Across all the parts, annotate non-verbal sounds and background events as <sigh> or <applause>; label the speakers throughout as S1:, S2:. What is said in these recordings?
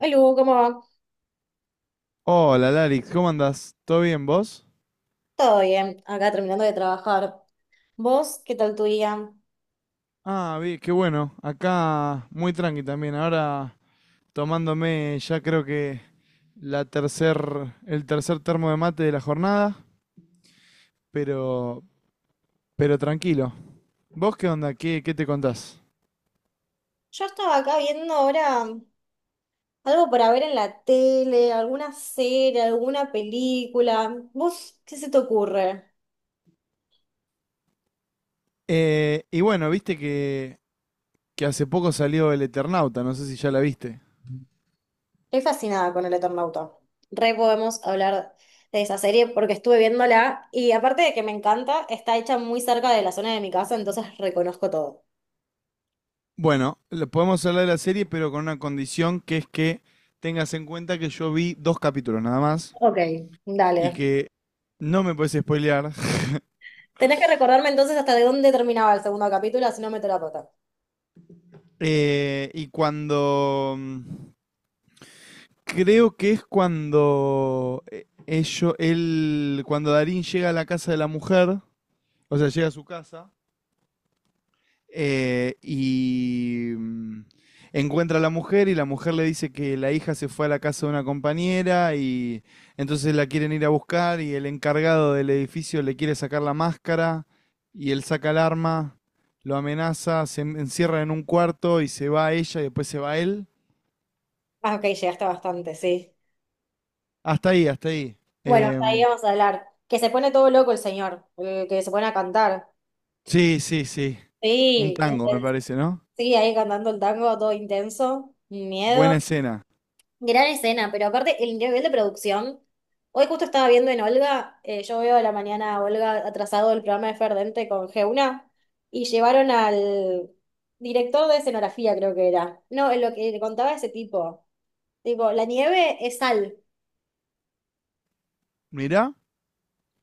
S1: Lu, ¿cómo va?
S2: Hola, Larix, ¿cómo andás? ¿Todo bien vos?
S1: Todo bien, acá terminando de trabajar. ¿Vos qué tal tu día?
S2: Ah, bien, qué bueno. Acá muy tranqui también. Ahora tomándome ya creo que el tercer termo de mate de la jornada, pero, pero tranquilo. ¿Vos qué onda? ¿Qué te contás?
S1: Yo estaba acá viendo ahora algo para ver en la tele, alguna serie, alguna película. ¿Vos qué se te ocurre?
S2: Y bueno, viste que hace poco salió El Eternauta, no sé si ya la viste.
S1: Estoy fascinada con El Eternauta. Re podemos hablar de esa serie porque estuve viéndola y aparte de que me encanta, está hecha muy cerca de la zona de mi casa, entonces reconozco todo.
S2: Bueno, podemos hablar de la serie, pero con una condición que es que tengas en cuenta que yo vi dos capítulos nada más.
S1: Ok,
S2: Y
S1: dale.
S2: que no me puedes spoilear. <laughs>
S1: Tenés que recordarme entonces hasta de dónde terminaba el segundo capítulo, si no meto la pata.
S2: Eh, y cuando. mm, Creo que es cuando cuando Darín llega a la casa de la mujer, o sea, llega a su casa. Eh, y mm, Encuentra a la mujer y la mujer le dice que la hija se fue a la casa de una compañera y entonces la quieren ir a buscar y el encargado del edificio le quiere sacar la máscara y él saca el arma, lo amenaza, encierra en un cuarto y se va ella y después se va él.
S1: Ah, ok, llegaste bastante, sí.
S2: Hasta ahí, hasta ahí.
S1: Bueno, hasta ahí
S2: Em,
S1: vamos a hablar. Que se pone todo loco el señor, el que se pone a cantar.
S2: sí, sí, sí. Un
S1: Sí,
S2: tango, me
S1: intenso.
S2: parece, ¿no?
S1: Sí, ahí cantando el tango, todo intenso, miedo.
S2: Buena escena.
S1: Gran escena, pero aparte el nivel de producción. Hoy justo estaba viendo en Olga, yo veo a la mañana a Olga atrasado el programa de Ferdente con Geuna, y llevaron al director de escenografía, creo que era. No, lo que contaba ese tipo. Tipo, la nieve es sal,
S2: Mirá.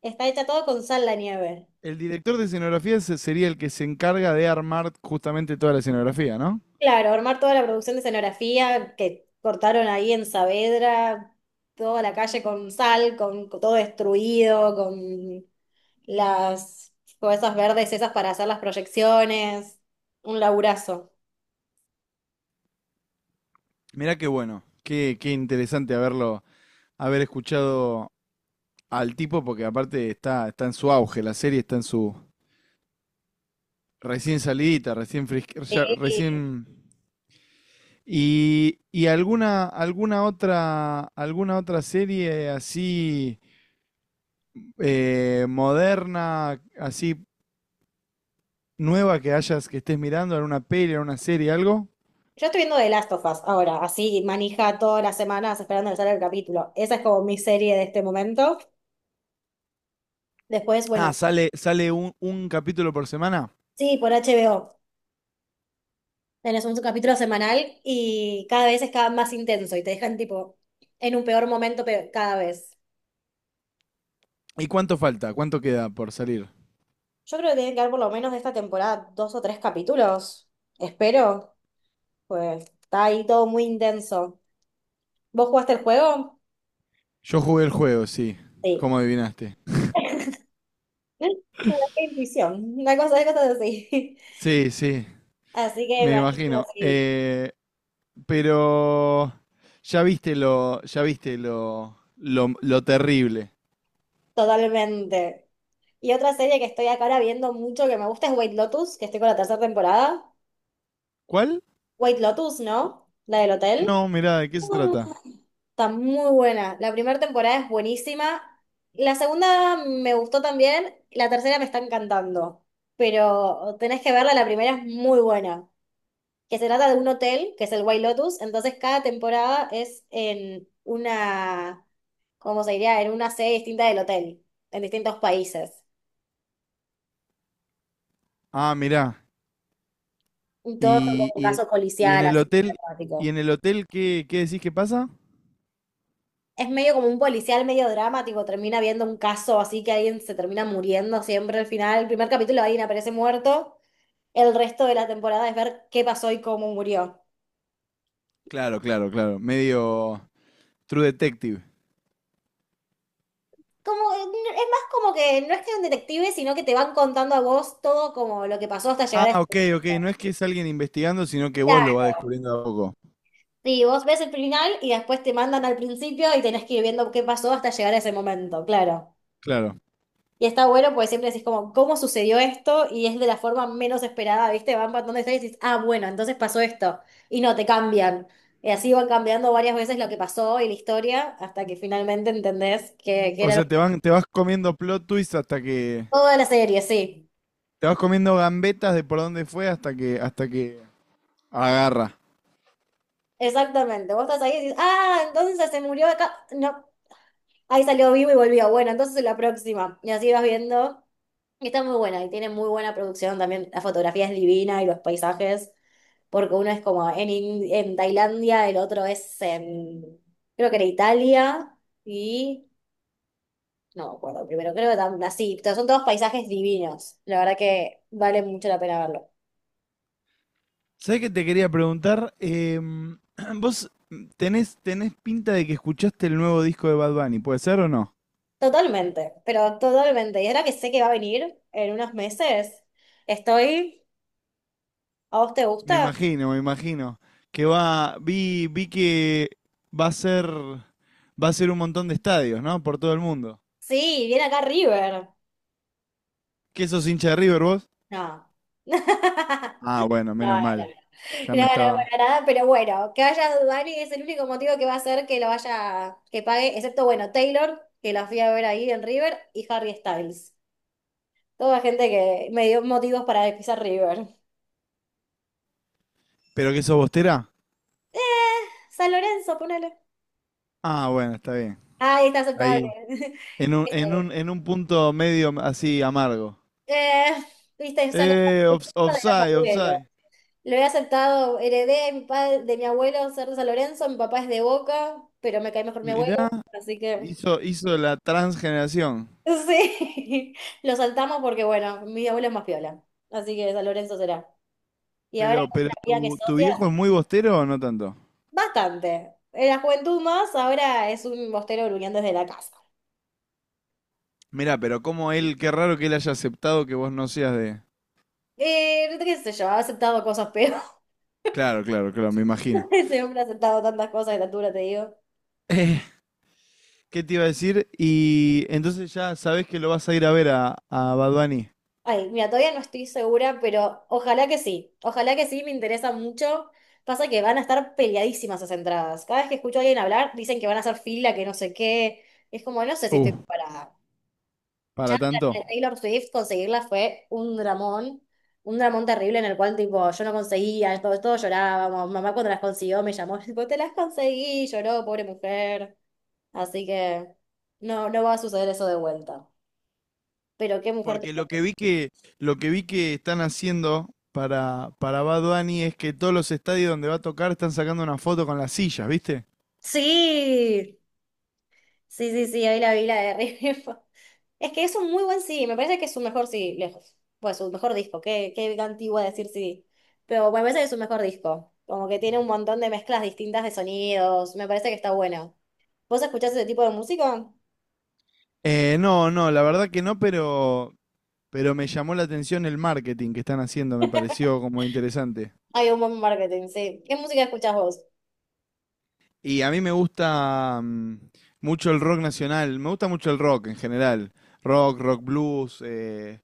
S1: está hecha todo con sal la nieve.
S2: El director de escenografía se- sería el que se encarga de armar justamente toda la escenografía, ¿no?
S1: Claro, armar toda la producción de escenografía que cortaron ahí en Saavedra, toda la calle con sal, con todo destruido, con las cosas verdes esas para hacer las proyecciones, un laburazo.
S2: Mirá qué bueno, qué interesante haber escuchado al tipo, porque aparte está en su auge, la serie está en su recién salidita, recién.
S1: Sí.
S2: ¿Y alguna, alguna otra serie así moderna, así nueva que que estés mirando, en una peli, en una serie, ¿algo?
S1: Yo estoy viendo The Last of Us ahora, así manija todas las semanas esperando que salga el capítulo. Esa es como mi serie de este momento. Después,
S2: Ah,
S1: bueno,
S2: sale, sale un capítulo por semana.
S1: sí, por HBO. Tenés un capítulo semanal y cada vez es cada más intenso y te dejan tipo en un peor momento cada vez.
S2: ¿Y cuánto falta? ¿Cuánto queda por salir?
S1: Yo creo que tienen que haber por lo menos de esta temporada dos o tres capítulos. Espero. Pues está ahí todo muy intenso. ¿Vos jugaste el juego?
S2: Yo jugué el juego, sí,
S1: Sí.
S2: como adivinaste.
S1: <laughs> Una intuición, una cosa de cosas así.
S2: Sí, sí,
S1: <laughs> Así que me
S2: me
S1: imagino
S2: imagino.
S1: así,
S2: Pero ya ya viste lo terrible.
S1: totalmente. Y otra serie que estoy acá ahora viendo mucho que me gusta es White Lotus, que estoy con la tercera temporada.
S2: ¿Cuál?
S1: White Lotus, ¿no? La del hotel.
S2: No, mirá, ¿de qué se trata?
S1: Está muy buena. La primera temporada es buenísima. La segunda me gustó también. La tercera me está encantando. Pero tenés que verla, la primera es muy buena. Que se trata de un hotel, que es el White Lotus. Entonces cada temporada es en una, ¿cómo se diría? En una sede distinta del hotel, en distintos países.
S2: Ah, mirá.
S1: Y todo son
S2: Y,
S1: como un
S2: y,
S1: caso
S2: y en
S1: policial,
S2: el
S1: así,
S2: hotel, ¿y
S1: dramático.
S2: en el hotel qué decís que pasa?
S1: Es medio como un policial, medio dramático. Termina viendo un caso así que alguien se termina muriendo siempre al final. El primer capítulo alguien aparece muerto. El resto de la temporada es ver qué pasó y cómo murió.
S2: Claro, claro, claro. Medio True Detective.
S1: Como, es más como que no es que es un detective, sino que te van contando a vos todo como lo que pasó hasta llegar
S2: Ah,
S1: a ese
S2: ok,
S1: final.
S2: ok. No es que es alguien investigando, sino que vos lo vas descubriendo de a poco.
S1: Sí, vos ves el final y después te mandan al principio y tenés que ir viendo qué pasó hasta llegar a ese momento, claro.
S2: Claro.
S1: Y está bueno porque siempre decís como, ¿cómo sucedió esto? Y es de la forma menos esperada, ¿viste? Van contando historias y dices, ah, bueno, entonces pasó esto. Y no, te cambian. Y así van cambiando varias veces lo que pasó y la historia hasta que finalmente entendés que
S2: O
S1: era lo
S2: sea, te vas comiendo plot twists hasta que.
S1: Toda la serie, sí.
S2: Te vas comiendo gambetas de por dónde fue hasta que agarra.
S1: Exactamente. Vos estás ahí y dices, ah, entonces se murió acá. No, ahí salió vivo y volvió. Bueno, entonces en la próxima. Y así vas viendo. Y está muy buena y tiene muy buena producción también. La fotografía es divina y los paisajes. Porque uno es como en Tailandia, el otro es en, creo que era Italia. Y no me acuerdo primero, creo que así, pero son todos paisajes divinos. La verdad que vale mucho la pena verlo.
S2: ¿Sabés qué te quería preguntar? <clears throat> Vos tenés pinta de que escuchaste el nuevo disco de Bad Bunny, ¿puede ser o no?
S1: Totalmente, pero totalmente. Y ahora que sé que va a venir en unos meses, estoy. ¿A vos te
S2: Me
S1: gusta?
S2: imagino, me imagino. Que vi que va a ser, va a ser un montón de estadios, ¿no? Por todo el mundo.
S1: Sí, viene acá River.
S2: ¿Qué sos hincha de River vos?
S1: No. <laughs>
S2: Ah, bueno,
S1: No,
S2: menos
S1: no, no.
S2: mal. Ya
S1: No,
S2: me
S1: no,
S2: estaba.
S1: para nada, pero bueno, que vaya Dani es el único motivo que va a hacer que lo vaya, que pague, excepto, bueno, Taylor, que la fui a ver ahí en River, y Harry Styles. Toda gente que me dio motivos para pisar River.
S2: ¿Pero qué sos bostera?
S1: Eh, San Lorenzo, ponele.
S2: Ah, bueno, está bien.
S1: Ah, está aceptable.
S2: Ahí.
S1: <laughs>
S2: En un punto medio así amargo.
S1: Eh, viste, es algo de los
S2: Offside,
S1: abuelos.
S2: offside.
S1: Lo he aceptado, heredé de mi padre, de mi abuelo ser de San Lorenzo, mi papá es de Boca, pero me cae mejor mi
S2: Mirá,
S1: abuelo, así que
S2: hizo, hizo la transgeneración.
S1: sí, <laughs> lo saltamos porque bueno, mi abuelo es más piola, así que San Lorenzo será. Y ahora es
S2: Pero
S1: una vida que es
S2: tu
S1: socia,
S2: viejo es muy bostero o no tanto?
S1: bastante. En la juventud más, ahora es un bostero gruñando desde la casa.
S2: Mirá, pero como él, qué raro que él haya aceptado que vos no seas de...
S1: Qué sé yo, ha aceptado cosas peores.
S2: Claro, claro, claro, me imagino.
S1: <laughs> Ese hombre ha aceptado tantas cosas de la altura, te digo.
S2: Eh, ¿Qué te iba a decir? Y entonces ya sabés que lo vas a ir a ver a Bad Bunny.
S1: Ay, mira, todavía no estoy segura, pero ojalá que sí. Ojalá que sí, me interesa mucho. Pasa que van a estar peleadísimas esas entradas. Cada vez que escucho a alguien hablar, dicen que van a hacer fila, que no sé qué. Es como, no sé si
S2: Uh,
S1: estoy preparada. Ya
S2: para
S1: la
S2: tanto.
S1: de Taylor Swift conseguirla fue un dramón terrible en el cual, tipo, yo no conseguía, todos, todos llorábamos. Mamá cuando las consiguió me llamó, <laughs> tipo, te las conseguí, lloró, pobre mujer. Así que no, no va a suceder eso de vuelta. Pero qué mujer te...
S2: Porque lo que vi que están haciendo para Bad Bunny es que todos los estadios donde va a tocar están sacando una foto con las sillas, ¿viste?
S1: Sí. Sí, sí, sí, hoy la vi la de River. <laughs> Es que es un muy buen CD, me parece que es su mejor CD, lejos. Pues su mejor disco, qué antigua decir CD. Pero bueno, me parece que es su mejor disco. Como que tiene un montón de mezclas distintas de sonidos, me parece que está bueno. ¿Vos escuchás ese tipo de música?
S2: No, no, la verdad que no, pero me llamó la atención el marketing que están haciendo, me pareció como interesante.
S1: Hay un buen marketing, sí. ¿Qué música escuchás vos?
S2: Y a mí me gusta mucho el rock nacional, me gusta mucho el rock en general. Rock, rock blues,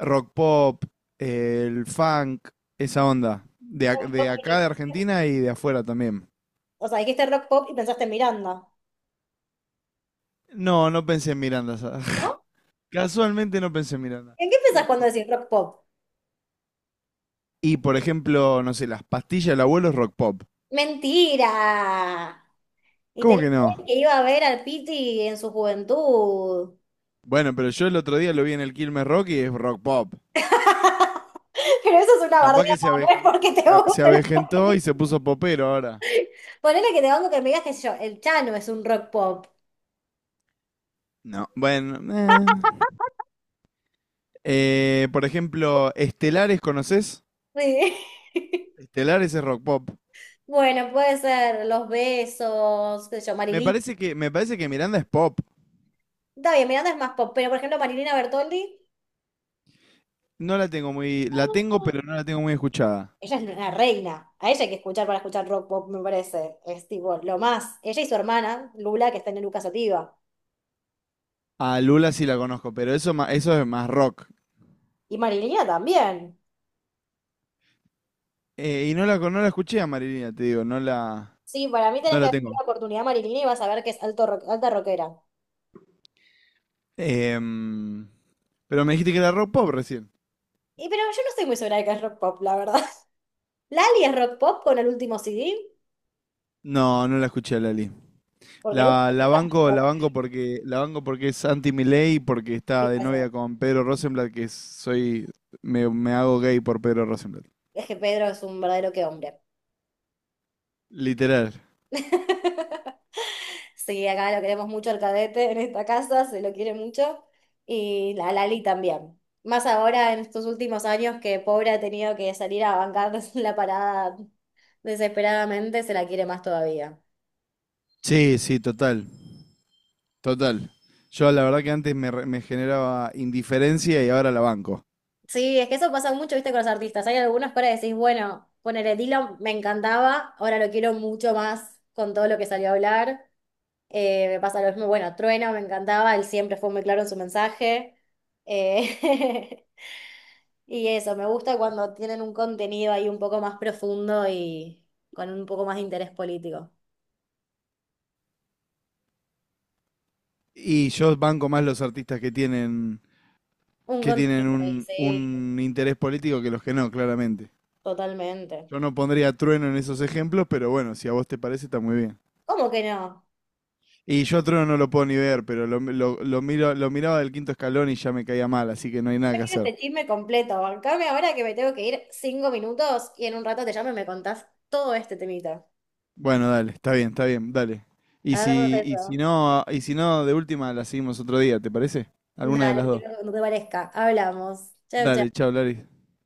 S2: rock pop, el funk, esa onda.
S1: Rock
S2: De
S1: pop
S2: acá, de Argentina y de afuera también.
S1: O sea, dijiste rock pop y pensaste en Miranda,
S2: No, no pensé en Miranda.
S1: ¿no?
S2: <laughs> Casualmente no pensé en Miranda.
S1: ¿En qué pensás cuando decís rock pop?
S2: Y por ejemplo, no sé, las pastillas del abuelo es rock pop.
S1: ¡Mentira! Y
S2: ¿Cómo
S1: tenés
S2: que no?
S1: que iba a ver al Piti en su juventud.
S2: Bueno, pero yo el otro día lo vi en el Quilmes Rock y es rock pop.
S1: <laughs> Pero eso es una
S2: Capaz que
S1: bardeada, no es porque te
S2: se
S1: guste la
S2: avejentó y
S1: película.
S2: se puso popero ahora.
S1: Ponele que te banco que me digas, que yo, el Chano es un rock pop.
S2: No, bueno. Por ejemplo, Estelares, ¿conoces?
S1: Sí. <laughs>
S2: Estelares es rock pop.
S1: Bueno, puede ser Los Besos, qué sé yo, Marilina.
S2: Me parece que Miranda es pop.
S1: Está bien, Miranda es más pop, pero por ejemplo Marilina Bertoldi,
S2: No la tengo la tengo, pero no la tengo muy escuchada.
S1: ella es una reina. A ella hay que escuchar para escuchar rock pop, me parece. Es tipo lo más. Ella y su hermana, Lula, que está en Lucas Sativa.
S2: A Lula sí la conozco, pero eso es más rock.
S1: Y Marilina también.
S2: Y no no la escuché a Marilina, te digo,
S1: Sí, para mí
S2: no
S1: tenés que
S2: la
S1: darle
S2: tengo.
S1: la oportunidad a Marilina y vas a ver que es alta rockera.
S2: Em, pero me dijiste que era rock pop recién.
S1: Y pero yo no estoy muy segura de que es rock pop, la verdad. Lali es rock pop con el último CD,
S2: No, no la escuché a Lali.
S1: porque el último CD es rock
S2: La banco porque es anti Milei, porque está de novia
S1: pop.
S2: con Pedro Rosenblatt, me hago gay por Pedro Rosenblatt.
S1: Es que Pedro es un verdadero que hombre.
S2: Literal.
S1: <laughs> Sí, acá lo queremos mucho al cadete en esta casa, se lo quiere mucho. Y la Lali también. Más ahora en estos últimos años que pobre ha tenido que salir a bancar <laughs> la parada desesperadamente, se la quiere más todavía.
S2: Sí, sí, total, total. Yo la verdad que antes me generaba indiferencia y ahora la banco.
S1: Sí, es que eso pasa mucho, viste, con los artistas. Hay algunos que ahora decís, bueno, ponele Dylan, me encantaba, ahora lo quiero mucho más con todo lo que salió a hablar. Me pasa lo mismo, bueno, Trueno me encantaba, él siempre fue muy claro en su mensaje. Eh, <laughs> y eso, me gusta cuando tienen un contenido ahí un poco más profundo y con un poco más de interés político.
S2: Y yo banco más los artistas
S1: Un
S2: que tienen
S1: contenido, y sí,
S2: un interés político que los que no, claramente.
S1: totalmente.
S2: Yo no pondría a trueno en esos ejemplos, pero bueno, si a vos te parece, está muy bien.
S1: ¿Cómo que no?
S2: Y yo a Trono no lo puedo ni ver, pero lo miro, lo miraba del quinto escalón y ya me caía mal, así que no hay nada que hacer.
S1: Este chisme completo, bancame ahora que me tengo que ir 5 minutos y en un rato te llamo y me contás todo este temita.
S2: Bueno, dale, está bien, dale.
S1: Hagamos
S2: Y si
S1: eso.
S2: no, de última la seguimos otro día, ¿te parece? Alguna de las
S1: Dale, que
S2: dos.
S1: no te parezca. Hablamos. Chau,
S2: Dale,
S1: chau.
S2: chao, Laris.